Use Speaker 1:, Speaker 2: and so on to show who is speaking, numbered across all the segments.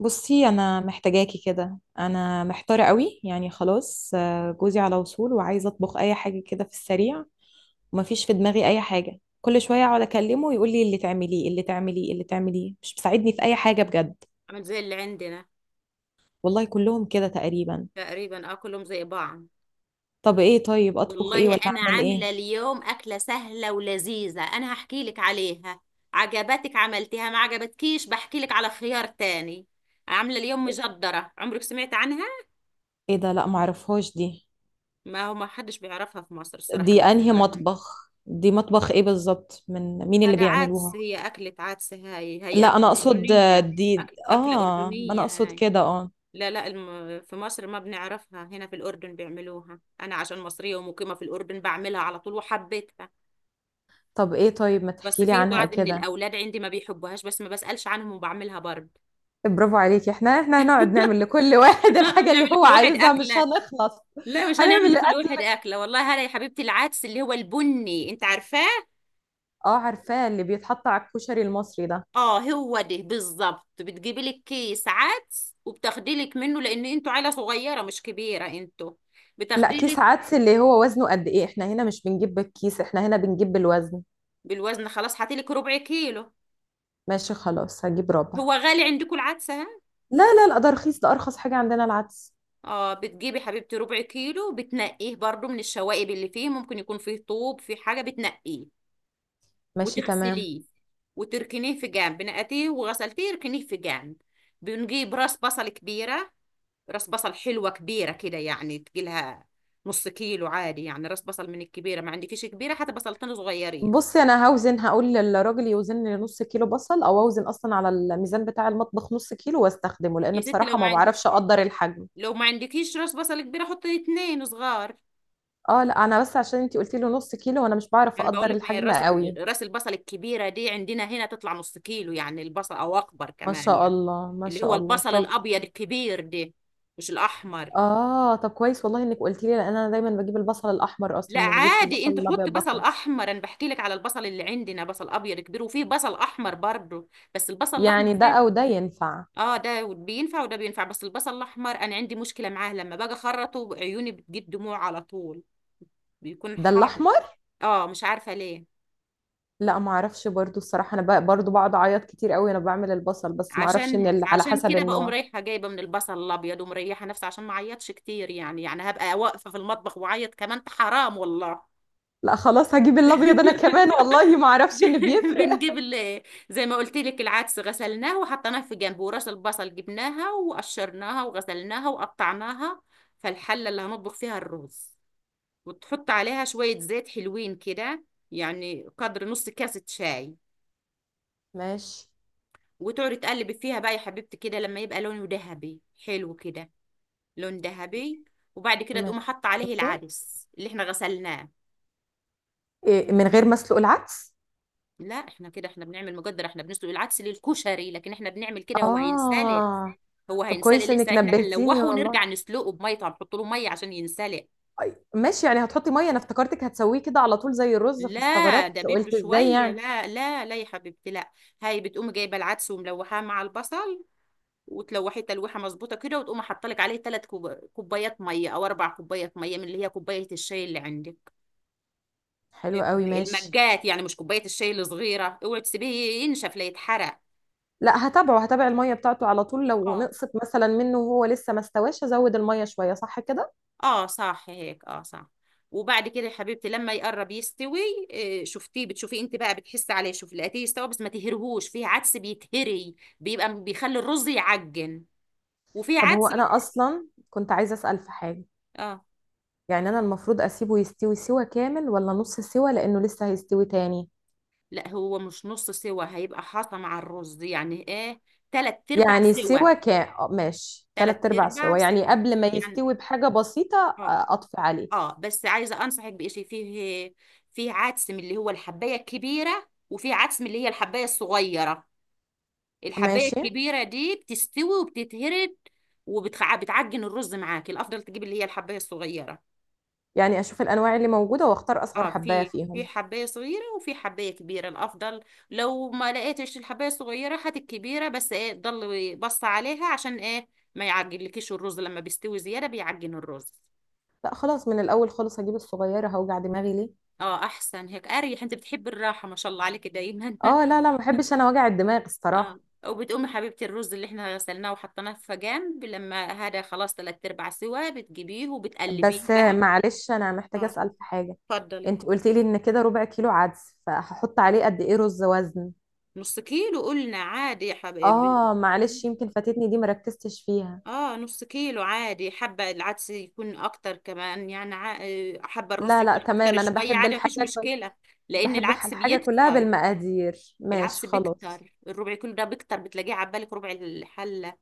Speaker 1: بصي، انا محتاجاكي كده. انا محتاره قوي يعني خلاص، جوزي على وصول وعايزه اطبخ اي حاجه كده في السريع. ومفيش في دماغي اي حاجه، كل شويه اقعد اكلمه ويقول لي اللي تعمليه اللي تعمليه اللي تعمليه، مش مساعدني في اي حاجه بجد.
Speaker 2: عامل زي اللي عندنا.
Speaker 1: والله كلهم كده تقريبا.
Speaker 2: تقريبا، اه، كلهم زي بعض.
Speaker 1: طب ايه؟ طيب اطبخ ايه
Speaker 2: والله
Speaker 1: ولا
Speaker 2: انا
Speaker 1: اعمل
Speaker 2: عامله
Speaker 1: ايه؟
Speaker 2: اليوم اكله سهله ولذيذه، انا هحكي لك عليها. عجبتك عملتيها، ما عجبتكيش بحكي لك على خيار تاني. عامله اليوم مجدره، عمرك سمعت عنها؟
Speaker 1: ايه ده؟ لا معرفهاش دي.
Speaker 2: ما هو ما حدش بيعرفها في مصر، الصراحه
Speaker 1: دي انهي
Speaker 2: المجدره هاي.
Speaker 1: مطبخ دي مطبخ ايه بالظبط؟ من مين اللي
Speaker 2: هذا عدس،
Speaker 1: بيعملوها؟
Speaker 2: هي اكله عدس هاي، هي
Speaker 1: لا انا
Speaker 2: اكله
Speaker 1: اقصد، آه،
Speaker 2: اردنيه.
Speaker 1: دي
Speaker 2: اكله
Speaker 1: اه ما انا
Speaker 2: اردنيه
Speaker 1: اقصد
Speaker 2: هاي.
Speaker 1: كده اه
Speaker 2: لا لا في مصر ما بنعرفها، هنا في الأردن بيعملوها. أنا عشان مصرية ومقيمة في الأردن بعملها على طول وحبيتها.
Speaker 1: طب ايه؟ طيب ما
Speaker 2: بس
Speaker 1: تحكي لي
Speaker 2: في
Speaker 1: عنها
Speaker 2: بعض من
Speaker 1: كده.
Speaker 2: الاولاد عندي ما بيحبوهاش، بس ما بسالش عنهم وبعملها برضه.
Speaker 1: برافو عليكي، احنا هنقعد نعمل لكل واحد الحاجة اللي
Speaker 2: نعمل
Speaker 1: هو
Speaker 2: لكل واحد
Speaker 1: عايزها، مش
Speaker 2: اكله.
Speaker 1: هنخلص.
Speaker 2: لا مش هنعمل
Speaker 1: هنعمل
Speaker 2: لكل واحد اكله والله. هلا يا حبيبتي، العدس اللي هو البني انت عارفاه؟
Speaker 1: اه، عارفاه، اللي بيتحط على الكشري المصري ده.
Speaker 2: اه هو ده بالظبط. بتجيبي لك كيس عدس وبتاخدي لك منه، لان انتوا عيله صغيره مش كبيره انتوا،
Speaker 1: لا،
Speaker 2: بتاخدي
Speaker 1: كيس
Speaker 2: لك.
Speaker 1: عدس اللي هو وزنه قد ايه؟ احنا هنا مش بنجيب بالكيس، احنا هنا بنجيب بالوزن.
Speaker 2: بالوزن خلاص، هاتي لك ربع كيلو.
Speaker 1: ماشي خلاص، هجيب ربع.
Speaker 2: هو غالي عندكم العدس، ها؟
Speaker 1: لا لا لا، ده رخيص، ده ارخص حاجة عندنا العدس.
Speaker 2: اه، بتجيبي حبيبتي ربع كيلو، بتنقيه برضو من الشوائب اللي فيه، ممكن يكون فيه طوب، في حاجه بتنقيه
Speaker 1: ماشي تمام.
Speaker 2: وتغسليه. وتركنيه في جنب، نقعتيه وغسلتيه ركنيه في جنب. بنجيب راس بصل كبيرة. راس بصل حلوة كبيرة كده يعني تجيلها نص كيلو عادي يعني راس بصل من الكبيرة. ما عندكيش كبيرة، حتى بصلتين صغيرين.
Speaker 1: بصي، انا هوزن، هقول للراجل يوزن لي نص كيلو بصل، او اوزن اصلا على الميزان بتاع المطبخ نص كيلو واستخدمه،
Speaker 2: يا
Speaker 1: لان
Speaker 2: ست لو
Speaker 1: بصراحة
Speaker 2: ما
Speaker 1: ما
Speaker 2: عندك،
Speaker 1: بعرفش اقدر الحجم.
Speaker 2: لو ما عندكيش راس بصل كبيرة حطي اتنين صغار.
Speaker 1: اه لا، انا بس عشان انتي قلتي له نص كيلو، وانا مش بعرف
Speaker 2: يعني بقول
Speaker 1: اقدر
Speaker 2: لك ما هي
Speaker 1: الحجم
Speaker 2: الراس،
Speaker 1: قوي.
Speaker 2: راس البصل الكبيرة دي عندنا هنا تطلع نص كيلو يعني البصل، او اكبر
Speaker 1: ما
Speaker 2: كمان
Speaker 1: شاء
Speaker 2: يعني.
Speaker 1: الله، ما
Speaker 2: اللي هو
Speaker 1: شاء الله.
Speaker 2: البصل
Speaker 1: طب.
Speaker 2: الابيض الكبير ده، مش الاحمر.
Speaker 1: اه طب كويس والله انك قلتي لي، لان انا دايما بجيب البصل الاحمر،
Speaker 2: لا
Speaker 1: اصلا ما بجيبش
Speaker 2: عادي
Speaker 1: البصل
Speaker 2: انت حطي
Speaker 1: الابيض ده
Speaker 2: بصل
Speaker 1: خالص.
Speaker 2: احمر، انا بحكي لك على البصل اللي عندنا، بصل ابيض كبير وفيه بصل احمر برضه، بس البصل الاحمر
Speaker 1: يعني ده
Speaker 2: كبير.
Speaker 1: او ده ينفع؟
Speaker 2: اه ده بينفع وده بينفع، بس البصل الاحمر انا عندي مشكله معاه، لما باجي اخرطه عيوني بتجيب دموع على طول، بيكون
Speaker 1: ده
Speaker 2: حار.
Speaker 1: الاحمر؟
Speaker 2: اه مش عارفه ليه.
Speaker 1: لا ما اعرفش برضو الصراحه، انا برضو بقعد اعيط كتير قوي وانا بعمل البصل، بس ما اعرفش ان
Speaker 2: عشان
Speaker 1: على
Speaker 2: عشان
Speaker 1: حسب
Speaker 2: كده بقوم
Speaker 1: النوع.
Speaker 2: رايحه جايبه من البصل الابيض ومريحه نفسي، عشان ما اعيطش كتير يعني، هبقى واقفه في المطبخ واعيط كمان، حرام والله.
Speaker 1: لا خلاص، هجيب الابيض انا كمان، والله ما اعرفش ان بيفرق.
Speaker 2: بنجيب ال- زي ما قلت لك العدس غسلناه وحطيناه في جنب، وراس البصل جبناها وقشرناها وغسلناها وقطعناها. فالحلة اللي هنطبخ فيها الرز، وتحط عليها شوية زيت حلوين كده، يعني قدر نص كاسة شاي.
Speaker 1: ماشي.
Speaker 2: وتقعدي تقلبي فيها بقى يا حبيبتي كده، لما يبقى لونه ذهبي، حلو كده، لون ذهبي. وبعد كده
Speaker 1: ماشي.
Speaker 2: تقوم حاطه عليه العدس اللي احنا غسلناه.
Speaker 1: إيه، من غير مسلوق العدس؟
Speaker 2: لا احنا كده، احنا بنعمل مقدر، احنا بنسلق العدس للكشري لكن احنا بنعمل كده، هو هينسلق.
Speaker 1: اه. طب كويس انك
Speaker 2: لسه احنا
Speaker 1: نبهتيني
Speaker 2: هنلوحه
Speaker 1: والله.
Speaker 2: ونرجع نسلقه بميه طبعا، نحط له ميه عشان ينسلق.
Speaker 1: ماشي، يعني هتحطي ميه، انا افتكرتك هتسويه كده على طول زي الرز،
Speaker 2: لا ده
Speaker 1: فاستغربت
Speaker 2: بده
Speaker 1: قلت ازاي
Speaker 2: شويه،
Speaker 1: يعني.
Speaker 2: لا لا لا يا حبيبتي، لا. هاي بتقوم جايبه العدس وملوحاه مع البصل، وتلوحيه تلويحه مظبوطه كده، وتقوم حاطه لك عليه 3 كوبايات ميه او 4 كوبايات ميه، من اللي هي كوبايه الشاي اللي عندك
Speaker 1: حلو قوي، ماشي.
Speaker 2: المجات يعني، مش كوبايه الشاي الصغيره. اوعي تسيبيه ينشف لا يتحرق.
Speaker 1: لا، هتابع الميه بتاعته على طول، لو
Speaker 2: اه
Speaker 1: نقصت مثلا منه وهو لسه ما استواش ازود الميه شويه، صح كده؟
Speaker 2: اه صح هيك، اه صح. وبعد كده يا حبيبتي لما يقرب يستوي، بتشوفيه انت بقى، بتحسي عليه، شوف لقيتيه يستوي بس ما تهرهوش، فيه عدس بيتهري بيبقى بيخلي الرز يعجن، وفيه
Speaker 1: طب هو
Speaker 2: عدس
Speaker 1: انا اصلا كنت عايزه اسال في حاجه.
Speaker 2: اه
Speaker 1: يعني انا المفروض اسيبه يستوي سوا كامل ولا نص سوا لانه لسه هيستوي تاني؟
Speaker 2: لا، هو مش نص سوا، هيبقى حاطه مع الرز يعني ايه، تلات ارباع
Speaker 1: يعني
Speaker 2: سوا.
Speaker 1: سوا كام؟ ماشي،
Speaker 2: تلات
Speaker 1: تلات ارباع
Speaker 2: ارباع
Speaker 1: سوا، يعني
Speaker 2: سوا
Speaker 1: قبل ما
Speaker 2: يعني
Speaker 1: يستوي بحاجه بسيطه.
Speaker 2: اه.
Speaker 1: آه، اطفي عليه.
Speaker 2: اه بس عايزه انصحك بشيء، فيه فيه عدس من اللي هو الحبايه الكبيره، وفيه عدس من اللي هي الحبايه الصغيره. الحبايه
Speaker 1: ماشي،
Speaker 2: الكبيره دي بتستوي وبتتهرد وبتعجن الرز معاك، الافضل تجيب اللي هي الحبايه الصغيره.
Speaker 1: يعني اشوف الانواع اللي موجوده واختار اصغر
Speaker 2: اه،
Speaker 1: حبايه
Speaker 2: في
Speaker 1: فيهم.
Speaker 2: حبايه صغيره وفي حبايه كبيره الافضل. لو ما لقيتش الحبايه الصغيره هات الكبيره، بس ايه، ضل بص عليها عشان ايه، ما يعجنلكيش الرز، لما بيستوي زياده بيعجن الرز.
Speaker 1: لا خلاص، من الاول خالص هجيب الصغيره، هوجع دماغي ليه؟
Speaker 2: اه احسن هيك اريح، انت بتحب الراحه ما شاء الله عليك دايما.
Speaker 1: اه لا لا، ما بحبش انا وجع الدماغ
Speaker 2: اه،
Speaker 1: الصراحه.
Speaker 2: وبتقومي حبيبتي الرز اللي احنا غسلناه وحطيناه في جنب، لما هذا خلاص تلات ارباع سوا، بتجيبيه وبتقلبيه
Speaker 1: بس
Speaker 2: بقى.
Speaker 1: معلش، انا محتاجه
Speaker 2: اه
Speaker 1: اسال في حاجه.
Speaker 2: اتفضلي.
Speaker 1: انت قلت لي ان كده ربع كيلو عدس، فهحط عليه قد ايه رز وزن؟
Speaker 2: نص كيلو قلنا عادي يا حبايبي.
Speaker 1: اه معلش، يمكن فاتتني دي مركزتش فيها.
Speaker 2: اه نص كيلو عادي، حبة العدس يكون اكتر كمان يعني حبة الرز
Speaker 1: لا لا
Speaker 2: يكون اكتر
Speaker 1: تمام، انا
Speaker 2: شوية
Speaker 1: بحب
Speaker 2: عادي مفيش
Speaker 1: الحاجه
Speaker 2: مشكلة، لان
Speaker 1: بحب
Speaker 2: العدس
Speaker 1: الحاجه كلها
Speaker 2: بيكتر.
Speaker 1: بالمقادير، ماشي
Speaker 2: العدس
Speaker 1: خلاص.
Speaker 2: بيكتر، الربع كيلو ده بيكتر بتلاقيه عبالك ربع الحلة،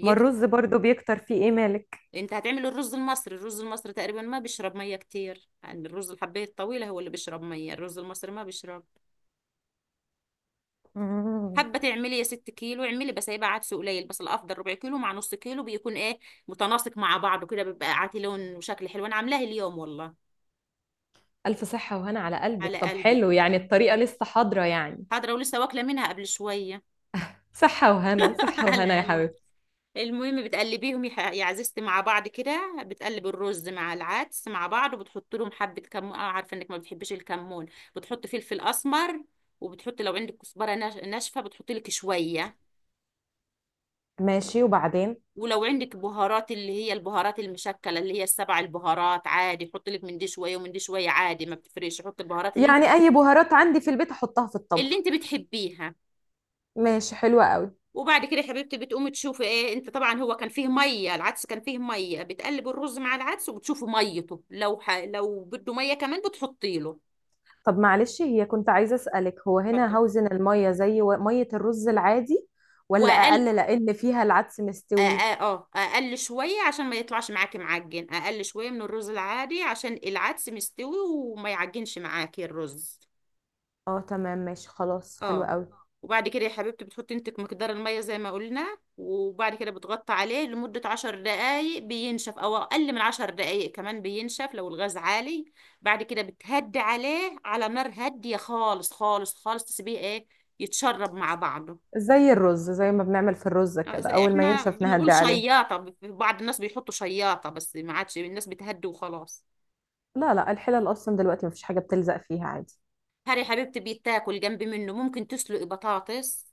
Speaker 1: ما الرز برضو بيكتر، فيه ايه مالك؟
Speaker 2: انت هتعمل الرز المصري، الرز المصري تقريبا ما بيشرب مية كتير يعني، الرز الحباية الطويلة هو اللي بيشرب مية، الرز المصري ما بيشرب.
Speaker 1: مم.
Speaker 2: حابه تعملي يا ست كيلو اعملي، بس هيبقى عدس قليل، بس الافضل ربع كيلو مع نص كيلو بيكون ايه، متناسق مع بعضه كده، بيبقى عاتي لون وشكل حلو انا عاملاه اليوم والله.
Speaker 1: ألف صحة وهنا على قلبك.
Speaker 2: على
Speaker 1: طب
Speaker 2: قلبك
Speaker 1: حلو، يعني
Speaker 2: حبيبتي.
Speaker 1: الطريقة لسه حاضرة يعني؟
Speaker 2: حاضره، ولسه واكله منها قبل شويه.
Speaker 1: صحة وهنا، صحة وهنا
Speaker 2: على
Speaker 1: يا
Speaker 2: قلبي.
Speaker 1: حبيبتي.
Speaker 2: المهم بتقلبيهم يا عزيزتي مع بعض كده، بتقلب الرز مع العدس مع بعض وبتحط لهم حبه كمون، اه عارفه انك ما بتحبيش الكمون. بتحط فلفل اسمر، وبتحط لو عندك كزبره ناشفه بتحطي لك شويه.
Speaker 1: ماشي، وبعدين؟
Speaker 2: ولو عندك بهارات اللي هي البهارات المشكلة اللي هي السبع البهارات عادي، حط لك من دي شوية ومن دي شوية عادي ما بتفرقش، حط البهارات اللي انت
Speaker 1: يعني اي بهارات عندي في البيت احطها في
Speaker 2: اللي
Speaker 1: الطبخ؟
Speaker 2: انت بتحبيها.
Speaker 1: ماشي، حلوة قوي.
Speaker 2: وبعد كده يا حبيبتي بتقومي تشوفي ايه، انت طبعا هو كان فيه ميه، العدس كان فيه ميه، بتقلب الرز مع العدس وبتشوفي ميته، لو بده ميه كمان بتحطي له.
Speaker 1: طب معلش، هي كنت عايزة اسألك، هو
Speaker 2: اتفضل
Speaker 1: هنا هوزن المية زي مية الرز العادي، ولا
Speaker 2: واقل.
Speaker 1: اقل لان فيها العدس
Speaker 2: اه
Speaker 1: مستوي؟
Speaker 2: اه اقل شويه عشان ما يطلعش معاكي معجن، اقل شويه من الرز العادي عشان العدس مستوي وما يعجنش معاكي الرز.
Speaker 1: اه تمام، ماشي خلاص، حلو
Speaker 2: اه،
Speaker 1: قوي.
Speaker 2: وبعد كده يا حبيبتي بتحطي انت مقدار المية زي ما قلنا، وبعد كده بتغطي عليه لمدة 10 دقايق بينشف، او اقل من 10 دقايق كمان بينشف لو الغاز عالي. بعد كده بتهدي عليه على نار هادية خالص خالص خالص، تسيبيه ايه، يتشرب مع بعضه.
Speaker 1: زي الرز، زي ما بنعمل في الرز كده،
Speaker 2: زي
Speaker 1: اول ما
Speaker 2: احنا
Speaker 1: ينشف نهدي
Speaker 2: بنقول
Speaker 1: عليه.
Speaker 2: شياطة، بعض الناس بيحطوا شياطة بس ما عادش الناس بتهدي وخلاص.
Speaker 1: لا لا، الحلل اصلا دلوقتي مفيش حاجة بتلزق فيها عادي.
Speaker 2: هاري يا حبيبتي، بيتاكل جنب منه، ممكن تسلقي بطاطس،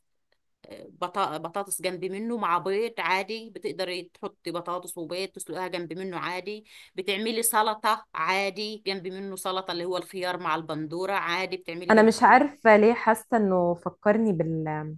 Speaker 2: بطاطس جنب منه مع بيض عادي، بتقدري تحطي بطاطس وبيض تسلقيها جنب منه عادي. بتعملي سلطة عادي جنب منه، سلطة اللي هو الخيار مع البندورة عادي بتعملي
Speaker 1: انا
Speaker 2: جنب
Speaker 1: مش
Speaker 2: منه.
Speaker 1: عارفه ليه حاسه انه فكرني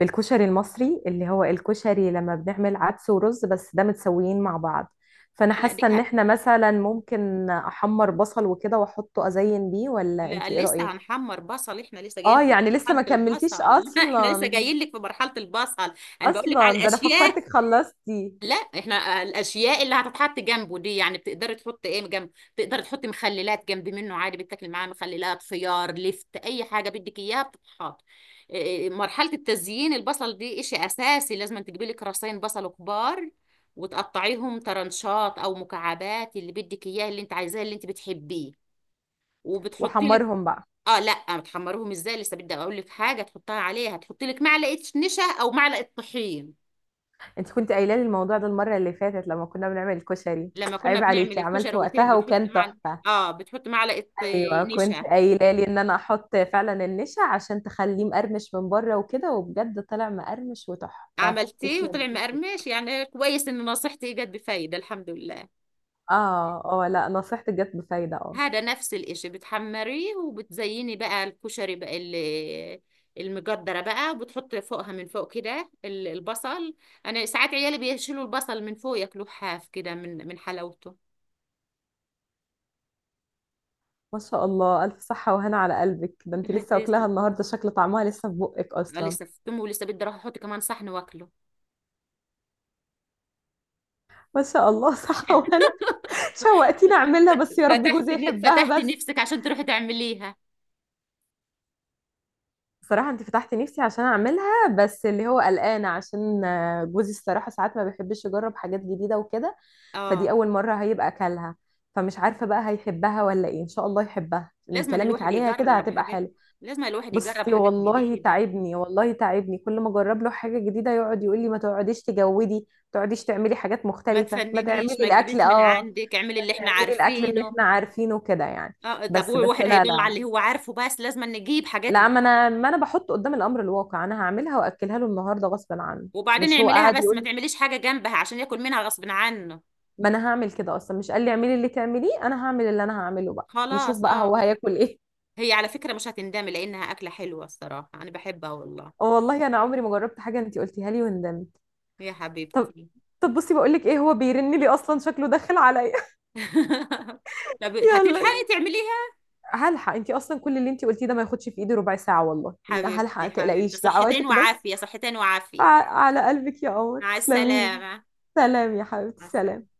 Speaker 1: بالكشري المصري، اللي هو الكشري لما بنعمل عدس ورز، بس ده متسويين مع بعض. فانا
Speaker 2: اه لا
Speaker 1: حاسه ان احنا مثلا ممكن احمر بصل وكده واحطه ازين بيه، ولا
Speaker 2: لا
Speaker 1: انت ايه
Speaker 2: لسه
Speaker 1: رايك؟
Speaker 2: هنحمر بصل، احنا لسه جايين
Speaker 1: اه
Speaker 2: في
Speaker 1: يعني لسه
Speaker 2: مرحلة
Speaker 1: ما
Speaker 2: البصل.
Speaker 1: كملتيش
Speaker 2: لا احنا لسه
Speaker 1: اصلا؟
Speaker 2: جايين لك في مرحلة البصل، انا بقول لك على
Speaker 1: اصلا ده انا
Speaker 2: الاشياء.
Speaker 1: فكرتك خلصتي.
Speaker 2: لا احنا الاشياء اللي هتتحط جنبه دي يعني بتقدري تحطي ايه جنب، تقدري تحطي مخللات جنب منه عادي، بتاكلي معاه مخللات خيار لفت اي حاجه بدك اياها بتتحط. مرحله التزيين البصل دي اشي اساسي، لازم تجيبي لك راسين بصل كبار، وتقطعيهم ترنشات او مكعبات اللي بدك اياه اللي انت عايزاه اللي انت بتحبيه وبتحطي لك.
Speaker 1: وحمرهم بقى.
Speaker 2: اه لا بتحمروهم ازاي، لسه بدي اقول لك حاجه تحطها عليها، تحطي لك معلقه نشا او معلقه طحين.
Speaker 1: انت كنت قايله لي الموضوع ده المره اللي فاتت لما كنا بنعمل الكشري.
Speaker 2: لما كنا
Speaker 1: عيب
Speaker 2: بنعمل
Speaker 1: عليكي،
Speaker 2: الكشري
Speaker 1: عملت
Speaker 2: قلت لك
Speaker 1: وقتها
Speaker 2: بتحط
Speaker 1: وكان
Speaker 2: معلقه.
Speaker 1: تحفه.
Speaker 2: اه بتحط معلقه
Speaker 1: ايوه، كنت
Speaker 2: نشا.
Speaker 1: قايله لي ان انا احط فعلا النشا عشان تخليه مقرمش من بره وكده، وبجد طلع مقرمش وتحفه،
Speaker 2: عملتيه
Speaker 1: تسلم
Speaker 2: وطلع
Speaker 1: ايدك.
Speaker 2: مقرمش، يعني كويس ان نصيحتي جت بفايده الحمد لله.
Speaker 1: اه اه، لا نصيحتك جت بفايده اه
Speaker 2: هذا نفس الاشي، بتحمريه وبتزيني بقى الكشري بقى المجدره بقى، وبتحط فوقها من فوق كده البصل. انا ساعات عيالي بيشيلوا البصل من فوق ياكلوه حاف كده من حلاوته.
Speaker 1: ما شاء الله، الف صحه وهنا على قلبك، ده انت لسه واكلاها
Speaker 2: تسلم.
Speaker 1: النهارده، شكل طعمها لسه في بقك اصلا.
Speaker 2: لسه في تمه ولسه بدي اروح احط كمان صحن واكله.
Speaker 1: ما شاء الله، صحه وهنا. شوقتيني اعملها، بس يا رب
Speaker 2: فتحت
Speaker 1: جوزي يحبها
Speaker 2: فتحت
Speaker 1: بس.
Speaker 2: نفسك عشان تروحي تعمليها.
Speaker 1: صراحة انت فتحتي نفسي عشان اعملها، بس اللي هو قلقانة عشان، جوزي الصراحة ساعات ما بيحبش يجرب حاجات جديدة وكده. فدي
Speaker 2: اه
Speaker 1: اول مرة هيبقى اكلها. فمش عارفة بقى هيحبها ولا ايه، ان شاء الله يحبها، من
Speaker 2: لازم أن
Speaker 1: كلامك
Speaker 2: الواحد
Speaker 1: عليها كده
Speaker 2: يجرب
Speaker 1: هتبقى
Speaker 2: حاجات،
Speaker 1: حلو.
Speaker 2: لازم أن الواحد يجرب
Speaker 1: بصي،
Speaker 2: حاجات
Speaker 1: والله
Speaker 2: جديدة.
Speaker 1: تعبني، والله تعبني، كل ما اجرب له حاجة جديدة يقعد يقول لي ما تقعديش تجودي، ما تقعديش تعملي حاجات
Speaker 2: ما
Speaker 1: مختلفة، ما تعملي
Speaker 2: تفننيش، ما
Speaker 1: الاكل
Speaker 2: تجيبيش من
Speaker 1: اه
Speaker 2: عندك، اعملي
Speaker 1: ما
Speaker 2: اللي احنا
Speaker 1: تعملي الاكل اللي
Speaker 2: عارفينه.
Speaker 1: احنا عارفينه كده يعني.
Speaker 2: اه طب
Speaker 1: بس
Speaker 2: هو
Speaker 1: بس،
Speaker 2: الواحد
Speaker 1: لا
Speaker 2: هيضل على
Speaker 1: لا.
Speaker 2: اللي هو عارفه، بس لازم أن نجيب حاجات
Speaker 1: لا
Speaker 2: جديدة.
Speaker 1: ما انا بحط قدام الامر الواقع، انا هعملها واكلها له النهارده غصبا عنه.
Speaker 2: وبعدين
Speaker 1: مش هو
Speaker 2: اعمليها
Speaker 1: قاعد
Speaker 2: بس
Speaker 1: يقول
Speaker 2: ما
Speaker 1: لي؟
Speaker 2: تعمليش حاجة جنبها عشان ياكل منها غصب عنه.
Speaker 1: ما انا هعمل كده اصلا، مش قال لي اعملي اللي تعمليه، انا هعمل اللي انا هعمله بقى، يشوف
Speaker 2: خلاص
Speaker 1: بقى
Speaker 2: اه.
Speaker 1: هو هياكل ايه.
Speaker 2: هي على فكرة مش هتندمي لأنها أكلة حلوة الصراحة، أنا بحبها والله.
Speaker 1: اه والله انا عمري ما جربت حاجه انت قلتيها لي وندمت.
Speaker 2: يا
Speaker 1: طب.
Speaker 2: حبيبتي.
Speaker 1: طب بصي، بقول لك ايه، هو بيرن لي اصلا شكله داخل عليا.
Speaker 2: طب هتلحقي
Speaker 1: يلا.
Speaker 2: تعمليها؟
Speaker 1: هلحق، انت اصلا كل اللي انت قلتيه ده ما ياخدش في ايدي ربع ساعه والله، لا هلحق ما
Speaker 2: حبيبتي حبيبتي،
Speaker 1: تقلقيش،
Speaker 2: صحتين
Speaker 1: دعواتك بس.
Speaker 2: وعافية، صحتين
Speaker 1: ع-
Speaker 2: وعافية.
Speaker 1: على قلبك يا قمر،
Speaker 2: مع
Speaker 1: تسلمي لي.
Speaker 2: السلامة.
Speaker 1: سلام يا حبيبتي،
Speaker 2: مع السلامة.
Speaker 1: سلام.